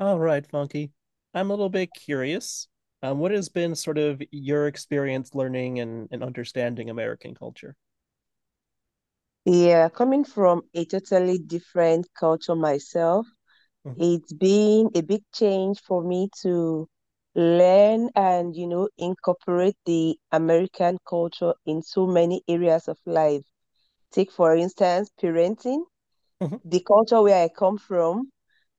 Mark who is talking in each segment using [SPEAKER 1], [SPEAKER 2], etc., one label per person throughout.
[SPEAKER 1] All right, Funky. I'm a little bit curious. What has been sort of your experience learning and understanding American culture?
[SPEAKER 2] Yeah, coming from a totally different culture myself,
[SPEAKER 1] Mhm,
[SPEAKER 2] it's been a big change for me to learn and incorporate the American culture in so many areas of life. Take, for instance, parenting.
[SPEAKER 1] mhm,
[SPEAKER 2] The culture where I come from,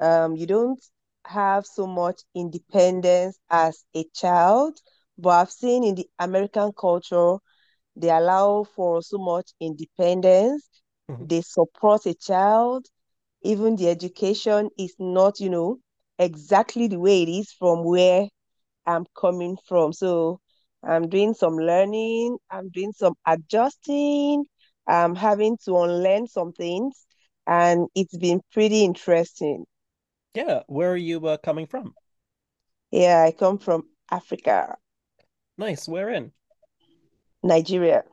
[SPEAKER 2] you don't have so much independence as a child, but I've seen in the American culture, they allow for so much independence
[SPEAKER 1] mhm.
[SPEAKER 2] they support a child, even the education is not exactly the way it is from where I'm coming from. So I'm doing some learning, I'm doing some adjusting, I'm having to unlearn some things, and it's been pretty interesting.
[SPEAKER 1] Yeah, where are you coming from?
[SPEAKER 2] Yeah, I come from Africa,
[SPEAKER 1] Nice, where in?
[SPEAKER 2] Nigeria.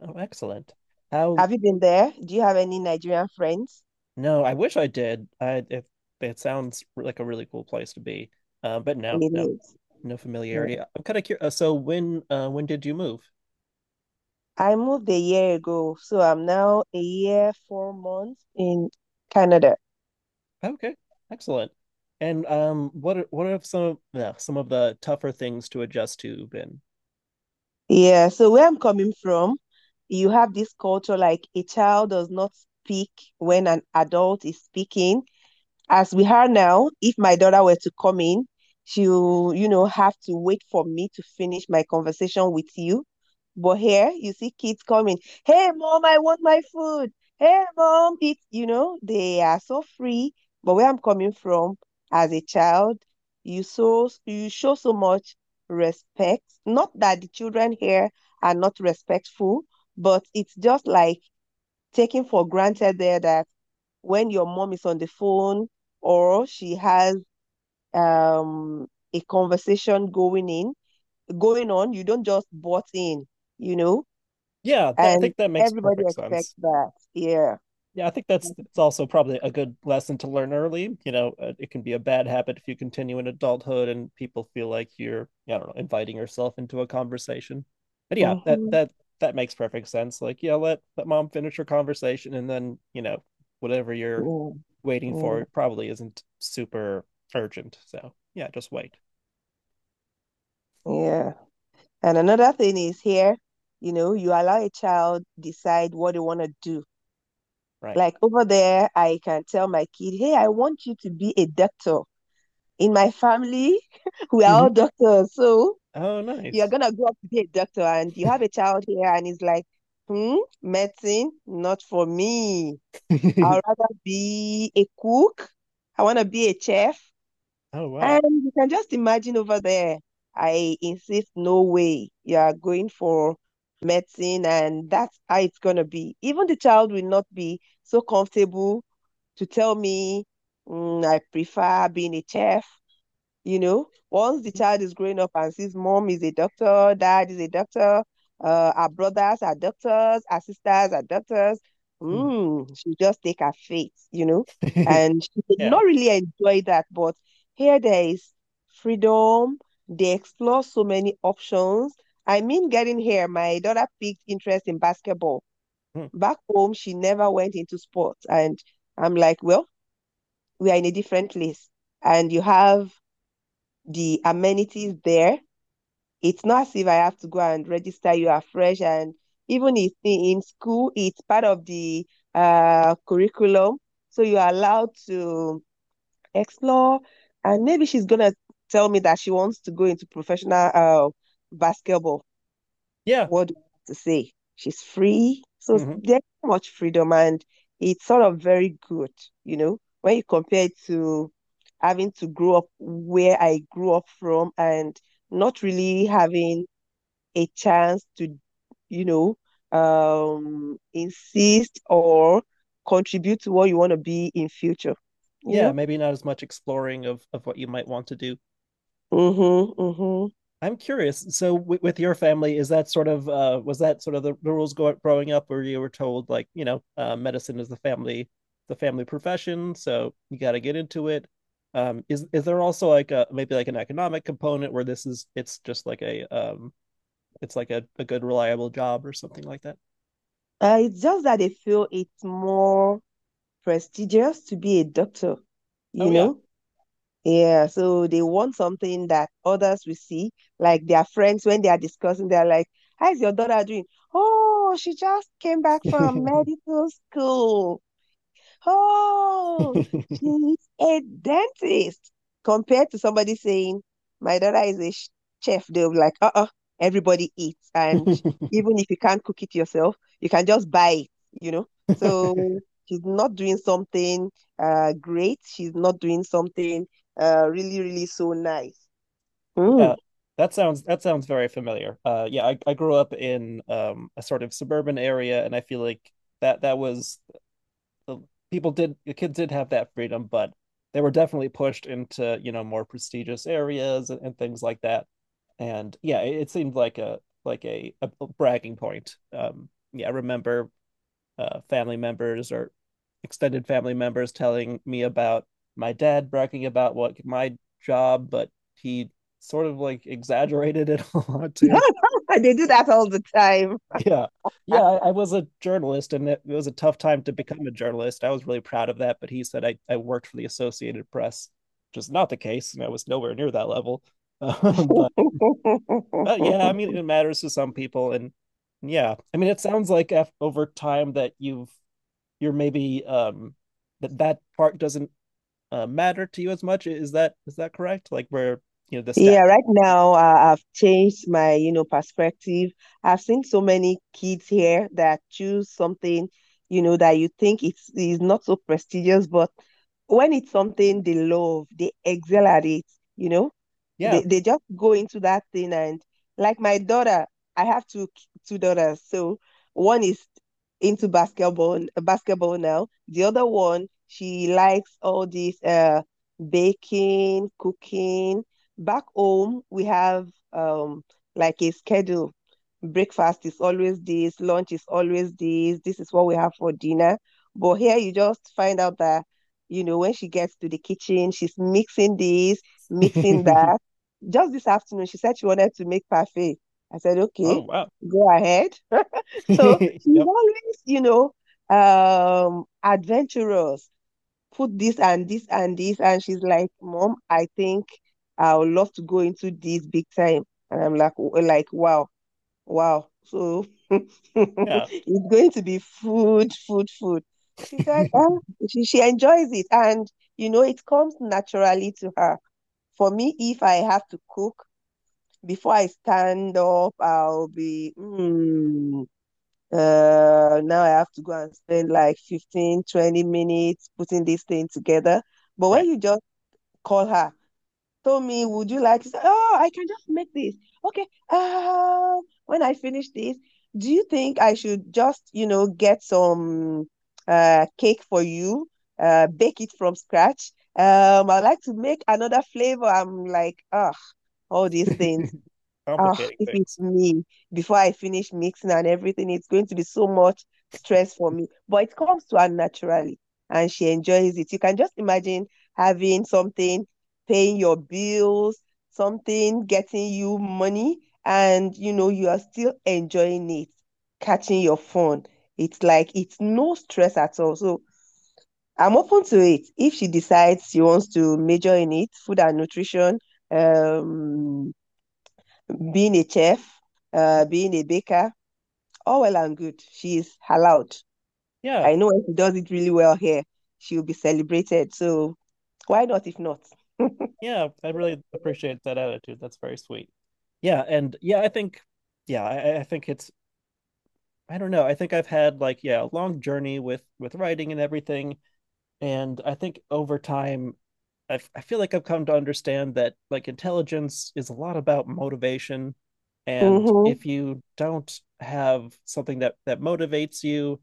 [SPEAKER 1] Oh, excellent. How?
[SPEAKER 2] Have you been there? Do you have any Nigerian friends?
[SPEAKER 1] No, I wish I did. I if it sounds like a really cool place to be. But no, no,
[SPEAKER 2] It
[SPEAKER 1] no familiarity.
[SPEAKER 2] is.
[SPEAKER 1] I'm kind of curious. So when did you move?
[SPEAKER 2] I moved a year ago, so I'm now a year, 4 months in Canada.
[SPEAKER 1] Okay, excellent. And what are, what have some of the tougher things to adjust to been?
[SPEAKER 2] Yeah, so where I'm coming from, you have this culture like a child does not speak when an adult is speaking. As we are now, if my daughter were to come in, she'll have to wait for me to finish my conversation with you. But here, you see kids coming. Hey, mom, I want my food. Hey, mom, they are so free. But where I'm coming from as a child, you show so much respect. Not that the children here are not respectful, but it's just like taking for granted there that when your mom is on the phone or she has um a conversation going on you don't just butt in you know
[SPEAKER 1] Yeah, th I
[SPEAKER 2] and
[SPEAKER 1] think that makes
[SPEAKER 2] everybody
[SPEAKER 1] perfect
[SPEAKER 2] expects
[SPEAKER 1] sense.
[SPEAKER 2] that, yeah.
[SPEAKER 1] Yeah, I think that's it's also probably a good lesson to learn early. You know, it can be a bad habit if you continue in adulthood and people feel like you're, I don't know, inviting yourself into a conversation. But yeah, that
[SPEAKER 2] Hmm.
[SPEAKER 1] that that makes perfect sense. Like, yeah, let mom finish her conversation and then, you know, whatever you're
[SPEAKER 2] Yeah.
[SPEAKER 1] waiting
[SPEAKER 2] Yeah,
[SPEAKER 1] for it probably isn't super urgent. So, yeah, just wait.
[SPEAKER 2] yeah. And another thing is here, you allow a child decide what they want to do.
[SPEAKER 1] Right.
[SPEAKER 2] Like over there, I can tell my kid, hey, I want you to be a doctor. In my family, we are
[SPEAKER 1] Hmm.
[SPEAKER 2] all doctors. So
[SPEAKER 1] Oh,
[SPEAKER 2] you're
[SPEAKER 1] nice.
[SPEAKER 2] gonna grow up to be a doctor and you have a child here and it's like, hmm, medicine, not for me. I'd rather be a cook. I wanna be a chef.
[SPEAKER 1] Oh, wow.
[SPEAKER 2] And you can just imagine over there. I insist, no way. You are going for medicine and that's how it's gonna be. Even the child will not be so comfortable to tell me, "Mm, I prefer being a chef." You know, once the child is growing up and sees mom is a doctor, dad is a doctor, our brothers are doctors, our sisters are doctors, she just take her fate, you know. And she did
[SPEAKER 1] Yeah.
[SPEAKER 2] not really enjoy that, but here there is freedom. They explore so many options. I mean, getting here, my daughter picked interest in basketball.
[SPEAKER 1] Mhm.
[SPEAKER 2] Back home, she never went into sports. And I'm like, well, we are in a different place. And you have the amenities there. It's not as if I have to go and register you afresh. And even if in school, it's part of the curriculum. So you're allowed to explore. And maybe she's going to tell me that she wants to go into professional basketball.
[SPEAKER 1] Yeah.
[SPEAKER 2] What do you have to say? She's free. So
[SPEAKER 1] Mm-hmm.
[SPEAKER 2] there's so much freedom and it's sort of very good, when you compare it to having to grow up where I grew up from and not really having a chance to, you know, insist or contribute to what you want to be in future, you
[SPEAKER 1] Yeah,
[SPEAKER 2] know?
[SPEAKER 1] maybe not as much exploring of what you might want to do.
[SPEAKER 2] Mm-hmm, mm-hmm.
[SPEAKER 1] I'm curious. So with your family, is that sort of was that sort of the, growing up where you were told like, you know, medicine is the family profession, so you got to get into it. Is there also like a maybe like an economic component where this is it's just like a it's like a good reliable job or something like that?
[SPEAKER 2] It's just that they feel it's more prestigious to be a doctor,
[SPEAKER 1] Oh
[SPEAKER 2] you
[SPEAKER 1] yeah.
[SPEAKER 2] know? Yeah, so they want something that others will see, like their friends when they are discussing, they're like, "How's your daughter doing? Oh, she just came back from medical school. Oh, she's a dentist." Compared to somebody saying, my daughter is a chef, they'll be like, uh-uh, everybody eats. And even if you can't cook it yourself, you can just buy it, you know? So she's not doing something great. She's not doing something really, really so nice.
[SPEAKER 1] Yeah,
[SPEAKER 2] Mm.
[SPEAKER 1] that sounds very familiar. I grew up in a sort of suburban area, and I feel like that was the people did the kids did have that freedom, but they were definitely pushed into you know more prestigious areas and things like that. And yeah, it seemed like a like a bragging point. Yeah, I remember family members or extended family members telling me about my dad bragging about what my job, but he sort of like exaggerated it a lot too.
[SPEAKER 2] They do that all the time.
[SPEAKER 1] Yeah. Yeah, I was a journalist and it was a tough time to become a journalist. I was really proud of that, but he said I worked for the Associated Press, which is not the case, and I was nowhere near that level. But but yeah, I mean it matters to some people and yeah. I mean it sounds like af over time that you're maybe that part doesn't matter to you as much. Is that correct? Like where you know the
[SPEAKER 2] Yeah,
[SPEAKER 1] steps?
[SPEAKER 2] right now I've changed my perspective. I've seen so many kids here that choose something that you think it's is not so prestigious, but when it's something they love, they excel at it, you know.
[SPEAKER 1] Yeah.
[SPEAKER 2] They just go into that thing and like my daughter, I have two daughters. So one is into basketball now. The other one, she likes all this baking, cooking. Back home, we have um like a schedule breakfast is always this, lunch is always this, this is what we have for dinner. But here you just find out that when she gets to the kitchen, she's mixing this, mixing
[SPEAKER 1] Oh
[SPEAKER 2] that. Just this afternoon, she said she wanted to make parfait. I said, okay,
[SPEAKER 1] wow.
[SPEAKER 2] go ahead. So she's
[SPEAKER 1] Yep.
[SPEAKER 2] always adventurous. Put this and this and this. And she's like, Mom, I think I would love to go into this big time. And I'm like, wow, wow. So
[SPEAKER 1] Yeah.
[SPEAKER 2] it's going to be food, food, food. She said, "Ah, she enjoys it." And it comes naturally to her. For me, if I have to cook, before I stand up, I'll be, now I have to go and spend like 15, 20 minutes putting this thing together. But when
[SPEAKER 1] Right.
[SPEAKER 2] you just call her, told me, would you like to say, oh, I can just make this. Okay. When I finish this, do you think I should just get some cake for you, bake it from scratch? I'd like to make another flavor. I'm like, ah, all these things. Oh,
[SPEAKER 1] Complicating
[SPEAKER 2] if it's
[SPEAKER 1] things.
[SPEAKER 2] me, before I finish mixing and everything, it's going to be so much stress for me. But it comes to her naturally and she enjoys it. You can just imagine having something, paying your bills, something getting you money, and you are still enjoying it, catching your phone. It's like it's no stress at all. So I'm open to it. If she decides she wants to major in it, food and nutrition, um, being a chef, being a baker, all well and good. She is allowed.
[SPEAKER 1] Yeah.
[SPEAKER 2] I know if she does it really well here, she'll be celebrated. So why not if not?
[SPEAKER 1] Yeah. I really appreciate that attitude. That's very sweet. Yeah. And yeah, I think. Yeah, I think it's. I don't know. I think I've had like yeah a long journey with writing and everything, and I think over time I feel like I've come to understand that like intelligence is a lot about motivation, and
[SPEAKER 2] Mm-hmm.
[SPEAKER 1] if you don't have something that motivates you,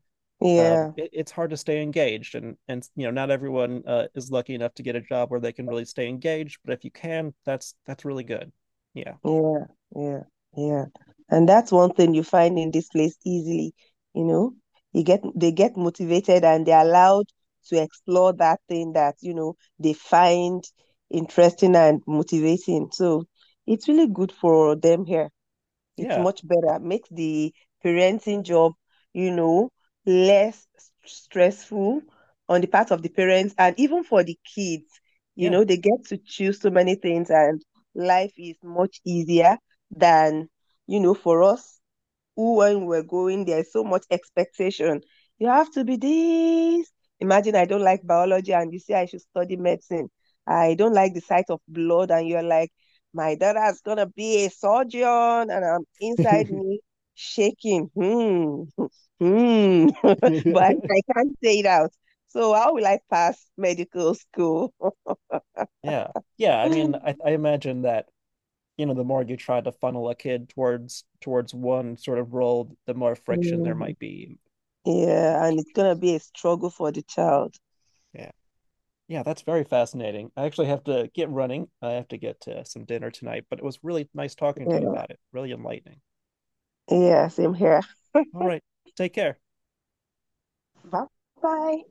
[SPEAKER 2] Yeah,
[SPEAKER 1] it's hard to stay engaged. And you know, not everyone is lucky enough to get a job where they can really stay engaged, but if you can, that's really good. Yeah,
[SPEAKER 2] yeah, yeah, yeah. And that's one thing you find in this place easily, you know. You get they get motivated and they're allowed to explore that thing that they find interesting and motivating. So it's really good for them here. It's
[SPEAKER 1] yeah,
[SPEAKER 2] much better. Makes the parenting job, you know, less stressful on the part of the parents and even for the kids. You
[SPEAKER 1] yeah,
[SPEAKER 2] know, they get to choose so many things and life is much easier than for us who when we're going, there's so much expectation. You have to be this. Imagine I don't like biology and you say I should study medicine. I don't like the sight of blood, and you're like, my daughter's gonna be a surgeon, and I'm inside me shaking. Hmm, hmm, but I can't say it out. So how will I pass medical school?
[SPEAKER 1] yeah, yeah. I mean, I imagine that you know the more you try to funnel a kid towards towards one sort of role, the more friction there might be yeah. In
[SPEAKER 2] Yeah, and it's gonna
[SPEAKER 1] relationships.
[SPEAKER 2] be a struggle for the child.
[SPEAKER 1] Yeah, yeah, that's very fascinating. I actually have to get running. I have to get some dinner tonight, but it was really nice talking to you
[SPEAKER 2] Yeah,
[SPEAKER 1] about it. Really enlightening.
[SPEAKER 2] yeah, same here.
[SPEAKER 1] All right. Take care.
[SPEAKER 2] Bye bye.